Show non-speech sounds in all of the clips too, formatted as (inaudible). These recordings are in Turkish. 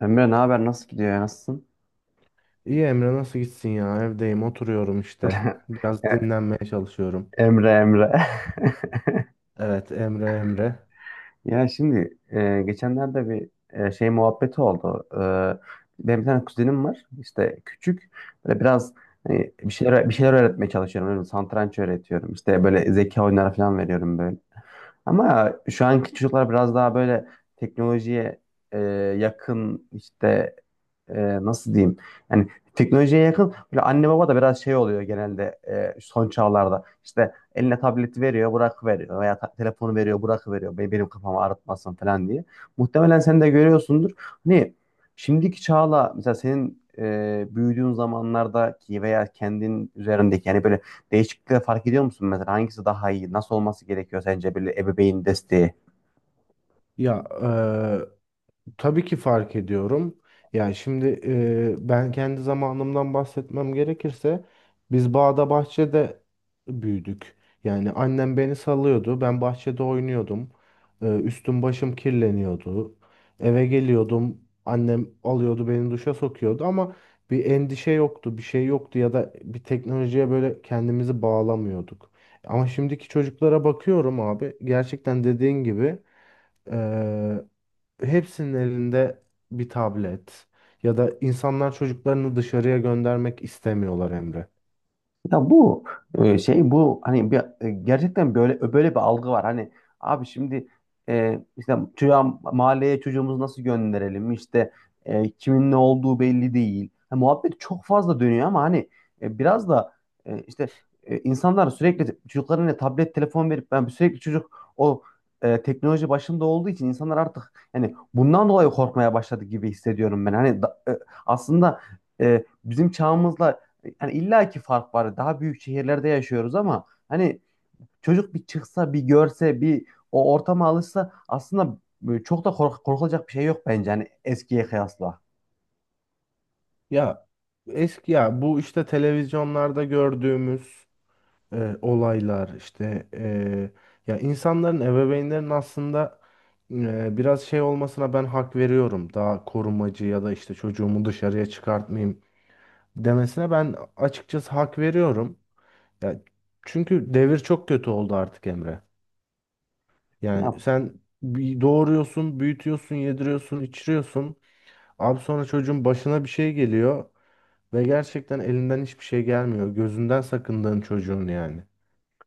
Emre ne haber? Nasıl gidiyor ya? Nasılsın? İyi Emre nasıl gitsin ya? Evdeyim, oturuyorum işte. (laughs) Biraz Ya, dinlenmeye çalışıyorum. Emre Emre. (laughs) Evet Emre Emre. Ya şimdi geçenlerde bir şey muhabbeti oldu. Benim bir tane kuzenim var. İşte küçük. Böyle biraz hani bir şeyler öğretmeye çalışıyorum. Öyle satranç öğretiyorum. İşte böyle zeka oyunları falan veriyorum böyle. Ama şu anki çocuklar biraz daha böyle teknolojiye e, yakın işte e, nasıl diyeyim? Yani teknolojiye yakın. Böyle anne baba da biraz şey oluyor genelde son çağlarda. İşte eline tableti veriyor, bırak veriyor veya telefonu veriyor, bırak veriyor. Benim kafamı ağrıtmasın falan diye. Muhtemelen sen de görüyorsundur. Hani şimdiki çağla mesela senin büyüdüğün zamanlardaki veya kendin üzerindeki yani böyle değişiklikleri fark ediyor musun mesela hangisi daha iyi, nasıl olması gerekiyor sence böyle ebeveyn desteği? Ya, tabii ki fark ediyorum. Yani şimdi ben kendi zamanımdan bahsetmem gerekirse biz bağda bahçede büyüdük. Yani annem beni salıyordu. Ben bahçede oynuyordum. Üstüm başım kirleniyordu. Eve geliyordum. Annem alıyordu beni duşa sokuyordu ama bir endişe yoktu, bir şey yoktu ya da bir teknolojiye böyle kendimizi bağlamıyorduk. Ama şimdiki çocuklara bakıyorum abi. Gerçekten dediğin gibi hepsinin elinde bir tablet ya da insanlar çocuklarını dışarıya göndermek istemiyorlar Emre. Ya bu şey bu hani gerçekten böyle bir algı var. Hani abi şimdi işte çocuğa, mahalleye çocuğumuzu nasıl gönderelim? İşte kimin ne olduğu belli değil. Ha, muhabbet çok fazla dönüyor ama hani biraz da işte insanlar sürekli çocuklarına tablet telefon verip ben sürekli çocuk o teknoloji başında olduğu için insanlar artık yani bundan dolayı korkmaya başladı gibi hissediyorum ben. Aslında bizim çağımızla yani illa ki fark var. Daha büyük şehirlerde yaşıyoruz ama hani çocuk bir çıksa, bir görse, bir o ortama alışsa aslında çok da korkulacak bir şey yok bence hani eskiye kıyasla. Ya eski ya bu işte televizyonlarda gördüğümüz olaylar işte ya insanların ebeveynlerin aslında biraz şey olmasına ben hak veriyorum. Daha korumacı ya da işte çocuğumu dışarıya çıkartmayayım demesine ben açıkçası hak veriyorum. Ya çünkü devir çok kötü oldu artık Emre. Ya, Yani sen bir doğuruyorsun, büyütüyorsun, yediriyorsun, içiriyorsun. Abi sonra çocuğun başına bir şey geliyor ve gerçekten elinden hiçbir şey gelmiyor. Gözünden sakındığın çocuğun yani.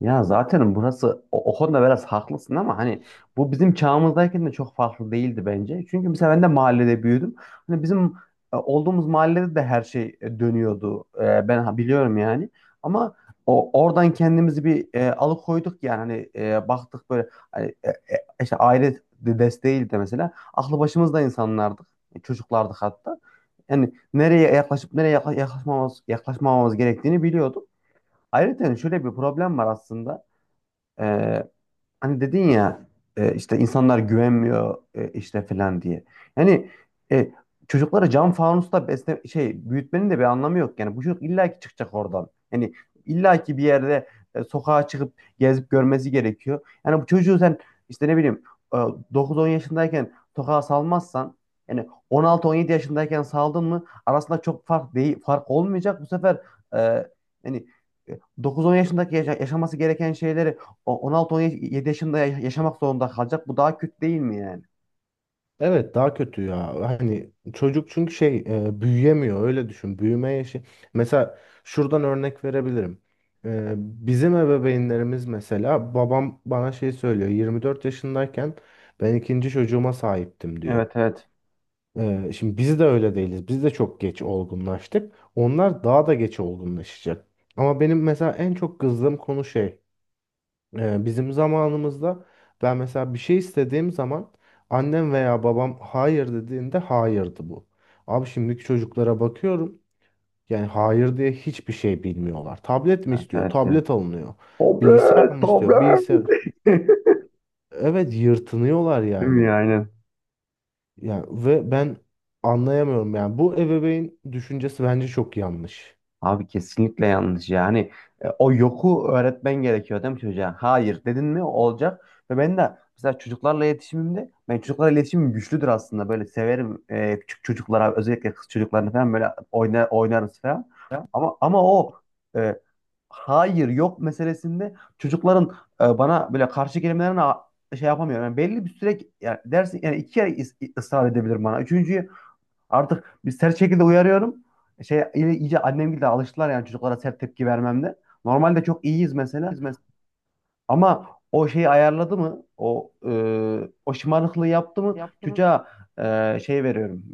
ya zaten burası o, o konuda biraz haklısın ama hani bu bizim çağımızdayken de çok farklı değildi bence. Çünkü mesela ben de mahallede büyüdüm. Hani bizim olduğumuz mahallede de her şey dönüyordu. Ben biliyorum yani. Ama o oradan kendimizi bir alıkoyduk yani hani baktık böyle hani, işte aile desteğiyle de mesela aklı başımızda insanlardık. Çocuklardık hatta. Yani nereye yaklaşıp nereye yaklaşmamamız gerektiğini biliyorduk. Ayrıca hani şöyle bir problem var aslında. Ee, Hani dedin ya işte insanlar güvenmiyor işte falan diye. Yani e, çocukları cam fanusta besle şey büyütmenin de bir anlamı yok. Yani bu çocuk illaki çıkacak oradan. Yani illaki bir yerde sokağa çıkıp gezip görmesi gerekiyor. Yani bu çocuğu sen işte ne bileyim e, 9-10 yaşındayken sokağa salmazsan yani on altı on yedi yaşındayken saldın mı arasında çok fark değil, fark olmayacak. Bu sefer e, yani 9-10 yaşındaki yaşaması gereken şeyleri o 16-17 yaşında yaşamak zorunda kalacak. Bu daha kötü değil mi yani? Evet daha kötü ya. Hani çocuk çünkü şey büyüyemiyor öyle düşün. Büyüme yaşı. Mesela şuradan örnek verebilirim. Bizim ebeveynlerimiz mesela babam bana şey söylüyor. 24 yaşındayken ben ikinci çocuğuma sahiptim diyor. Evet, evet. Şimdi biz de öyle değiliz. Biz de çok geç olgunlaştık. Onlar daha da geç olgunlaşacak. Ama benim mesela en çok kızdığım konu şey. Bizim zamanımızda ben mesela bir şey istediğim zaman annem veya babam hayır dediğinde hayırdı bu. Abi şimdiki çocuklara bakıyorum yani hayır diye hiçbir şey bilmiyorlar. Tablet mi Evet, istiyor? evet ya. Tablet alınıyor. Bilgisayar Tablet, mı istiyor? Bilgisayar. tablet. (laughs) Evet yırtınıyorlar Değil mi ya, yani. aynen. Yani ve ben anlayamıyorum yani bu ebeveyn düşüncesi bence çok yanlış. Abi kesinlikle yanlış yani. O yoku öğretmen gerekiyor değil mi çocuğa? Hayır dedin mi olacak. Ve ben de mesela çocuklarla iletişimimde ben çocuklarla iletişimim güçlüdür aslında. Böyle severim küçük çocuklara özellikle kız çocuklarını falan böyle oynarız falan. Ya, Ama o e, hayır yok meselesinde çocukların bana böyle karşı kelimelerine şey yapamıyorum. Yani belli bir süre yani dersin yani iki kere ısrar edebilirim bana. Üçüncüyü artık bir sert şekilde uyarıyorum. Şey iyice annem gibi de alıştılar yani çocuklara sert tepki vermemde. Normalde çok iyiyiz mesela, hizmet. ama o şeyi ayarladı mı? O şımarıklığı yaptı mı? Çocuğa şey veriyorum.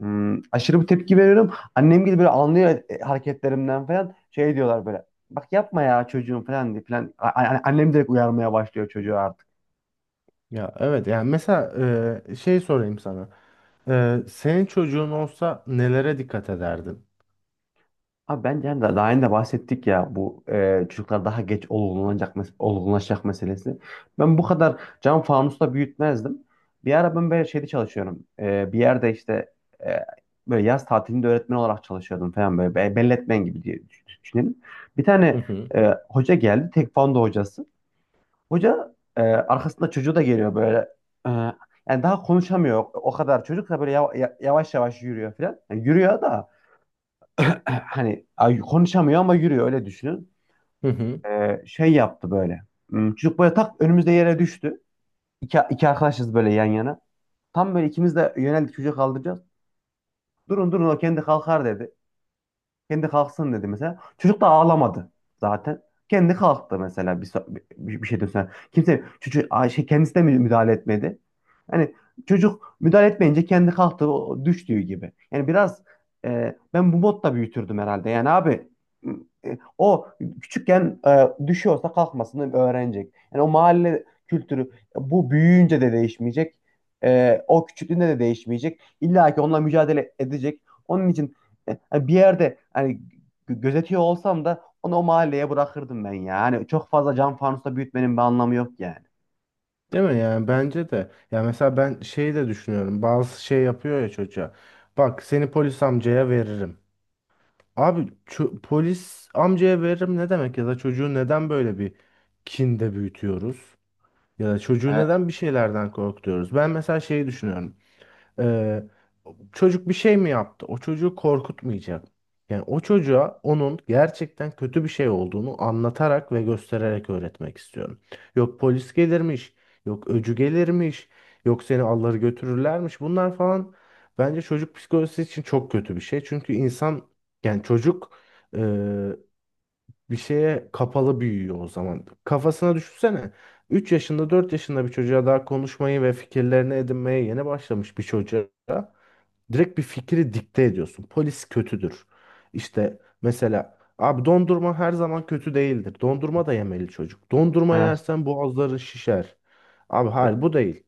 Hmm, aşırı bir tepki veriyorum. Annem gibi böyle anlıyor hareketlerimden falan. Şey diyorlar böyle. Bak yapma ya çocuğum falan diye falan. Hani annem direkt uyarmaya başlıyor çocuğu artık. Ya evet yani mesela şey sorayım sana. Senin çocuğun olsa nelere dikkat ederdin? Abi bence hani daha önce de bahsettik ya bu çocuklar daha geç olgunlanacak, olgunlaşacak meselesi. Ben bu kadar cam fanusta büyütmezdim. Bir ara ben böyle şeyde çalışıyorum. Bir yerde işte e, böyle yaz tatilinde öğretmen olarak çalışıyordum falan böyle. Belletmen gibi diye düşünelim. Bir Hı tane hı. Hoca geldi. Tekvando hocası. Hoca arkasında çocuğu da geliyor böyle. E, Yani daha konuşamıyor o kadar. Çocuk da böyle yavaş yavaş yürüyor falan. Yani yürüyor da (clears throat) hani ay, konuşamıyor ama yürüyor öyle düşünün. Hı hı. Şey yaptı böyle. Hmm, çocuk böyle tak önümüzde yere düştü. İki arkadaşız böyle yan yana. Tam böyle ikimiz de yöneldik çocuğu kaldıracağız. Durun durun o kendi kalkar dedi. Kendi kalksın dedi mesela. Çocuk da ağlamadı zaten. Kendi kalktı mesela bir şeyden sonra. Kimse çocuk şey, kendisi de müdahale etmedi. Yani çocuk müdahale etmeyince kendi kalktı o düştüğü gibi. Yani biraz ben bu modda büyütürdüm herhalde. Yani abi o küçükken düşüyorsa kalkmasını öğrenecek. Yani o mahalle kültürü bu büyüyünce de değişmeyecek. O küçüklüğünde de değişmeyecek. İlla ki onunla mücadele edecek. Onun için hani bir yerde hani gözetiyor olsam da onu o mahalleye bırakırdım ben ya. Hani çok fazla cam fanusta büyütmenin bir anlamı yok yani. Değil mi yani bence de. Ya mesela ben şeyi de düşünüyorum. Bazı şey yapıyor ya çocuğa. Bak seni polis amcaya veririm. Abi polis amcaya veririm ne demek ya da çocuğu neden böyle bir kinde büyütüyoruz? Ya da çocuğu neden bir şeylerden korkutuyoruz? Ben mesela şeyi düşünüyorum. Ee, Çocuk bir şey mi yaptı? O çocuğu korkutmayacak. Yani o çocuğa onun gerçekten kötü bir şey olduğunu anlatarak ve göstererek öğretmek istiyorum. Yok polis gelirmiş, yok öcü gelirmiş, yok seni alları götürürlermiş. Bunlar falan bence çocuk psikolojisi için çok kötü bir şey. Çünkü insan yani çocuk bir şeye kapalı büyüyor o zaman. Kafasına düşünsene. 3 yaşında 4 yaşında bir çocuğa daha konuşmayı ve fikirlerini edinmeye yeni başlamış bir çocuğa direkt bir fikri dikte ediyorsun. Polis kötüdür. İşte mesela abi dondurma her zaman kötü değildir. Dondurma da yemeli çocuk. Dondurma Evet. yersen boğazları şişer. Abi E, hayır bu değil.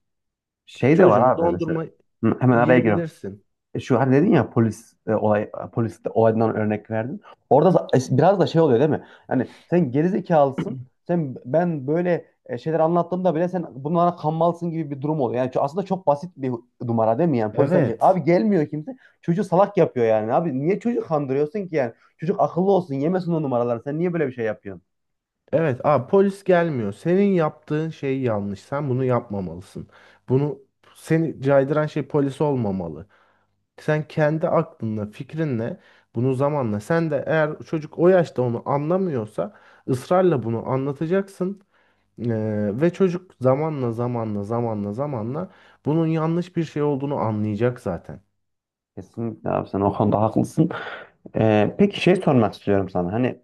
Şey de var Çocuğum abi mesela. dondurma Hı, hemen araya giriyorum. yiyebilirsin. Şu hani dedin ya polis e, olay polis de olaydan örnek verdin. Orada biraz da şey oluyor değil mi? Hani sen gerizekalısın. Sen, böyle şeyler anlattığımda bile sen bunlara kanmalısın gibi bir durum oluyor. Yani aslında çok basit bir numara değil mi? Yani polis amca Evet. abi gelmiyor kimse. Çocuğu salak yapıyor yani. Abi niye çocuğu kandırıyorsun ki yani? Çocuk akıllı olsun, yemesin o numaraları. Sen niye böyle bir şey yapıyorsun? Evet, polis gelmiyor. Senin yaptığın şey yanlış. Sen bunu yapmamalısın. Bunu seni caydıran şey polis olmamalı. Sen kendi aklınla, fikrinle bunu zamanla. Sen de eğer çocuk o yaşta onu anlamıyorsa ısrarla bunu anlatacaksın. Ve çocuk zamanla zamanla zamanla zamanla bunun yanlış bir şey olduğunu anlayacak zaten. Kesinlikle abi sen o konuda haklısın. Peki şey sormak istiyorum sana. Hani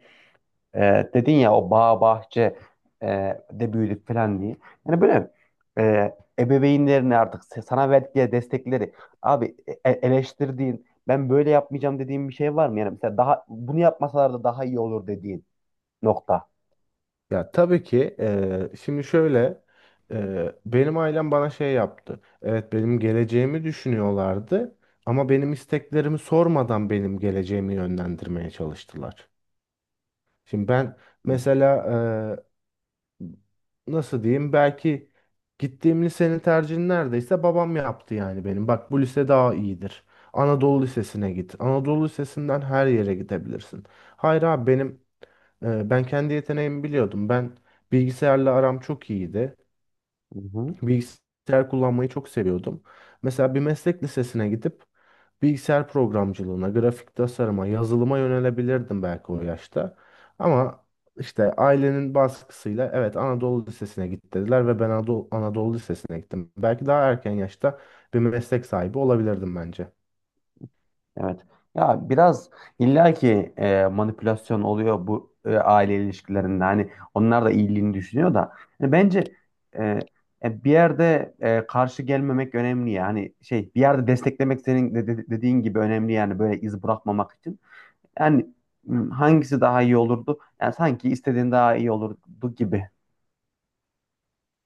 E, dedin ya o bağ bahçe e, de büyüdük falan diye. Yani böyle ebeveynlerin artık sana verdikleri destekleri abi eleştirdiğin ben böyle yapmayacağım dediğin bir şey var mı? Yani mesela daha bunu yapmasalar da daha iyi olur dediğin nokta. Ya tabii ki şimdi şöyle benim ailem bana şey yaptı. Evet benim geleceğimi düşünüyorlardı ama benim isteklerimi sormadan benim geleceğimi yönlendirmeye çalıştılar. Şimdi ben Hı mesela eee, nasıl diyeyim belki gittiğim lisenin tercihini neredeyse babam yaptı yani benim. Bak bu lise daha iyidir. Anadolu Lisesi'ne git. Anadolu Lisesi'nden her yere gidebilirsin. Hayır abi benim. Ben kendi yeteneğimi biliyordum. Ben bilgisayarla aram çok iyiydi. hı. Bilgisayar kullanmayı çok seviyordum. Mesela bir meslek lisesine gidip bilgisayar programcılığına, grafik tasarıma, yazılıma yönelebilirdim belki o yaşta. Ama işte ailenin baskısıyla evet Anadolu Lisesi'ne git dediler ve ben Anadolu Lisesi'ne gittim. Belki daha erken yaşta bir meslek sahibi olabilirdim bence. Evet. Ya biraz illaki manipülasyon oluyor bu aile ilişkilerinde. Hani onlar da iyiliğini düşünüyor da. Yani bence e, bir yerde karşı gelmemek önemli yani şey bir yerde desteklemek senin dediğin gibi önemli yani böyle iz bırakmamak için. Yani m, hangisi daha iyi olurdu? Yani sanki istediğin daha iyi olurdu gibi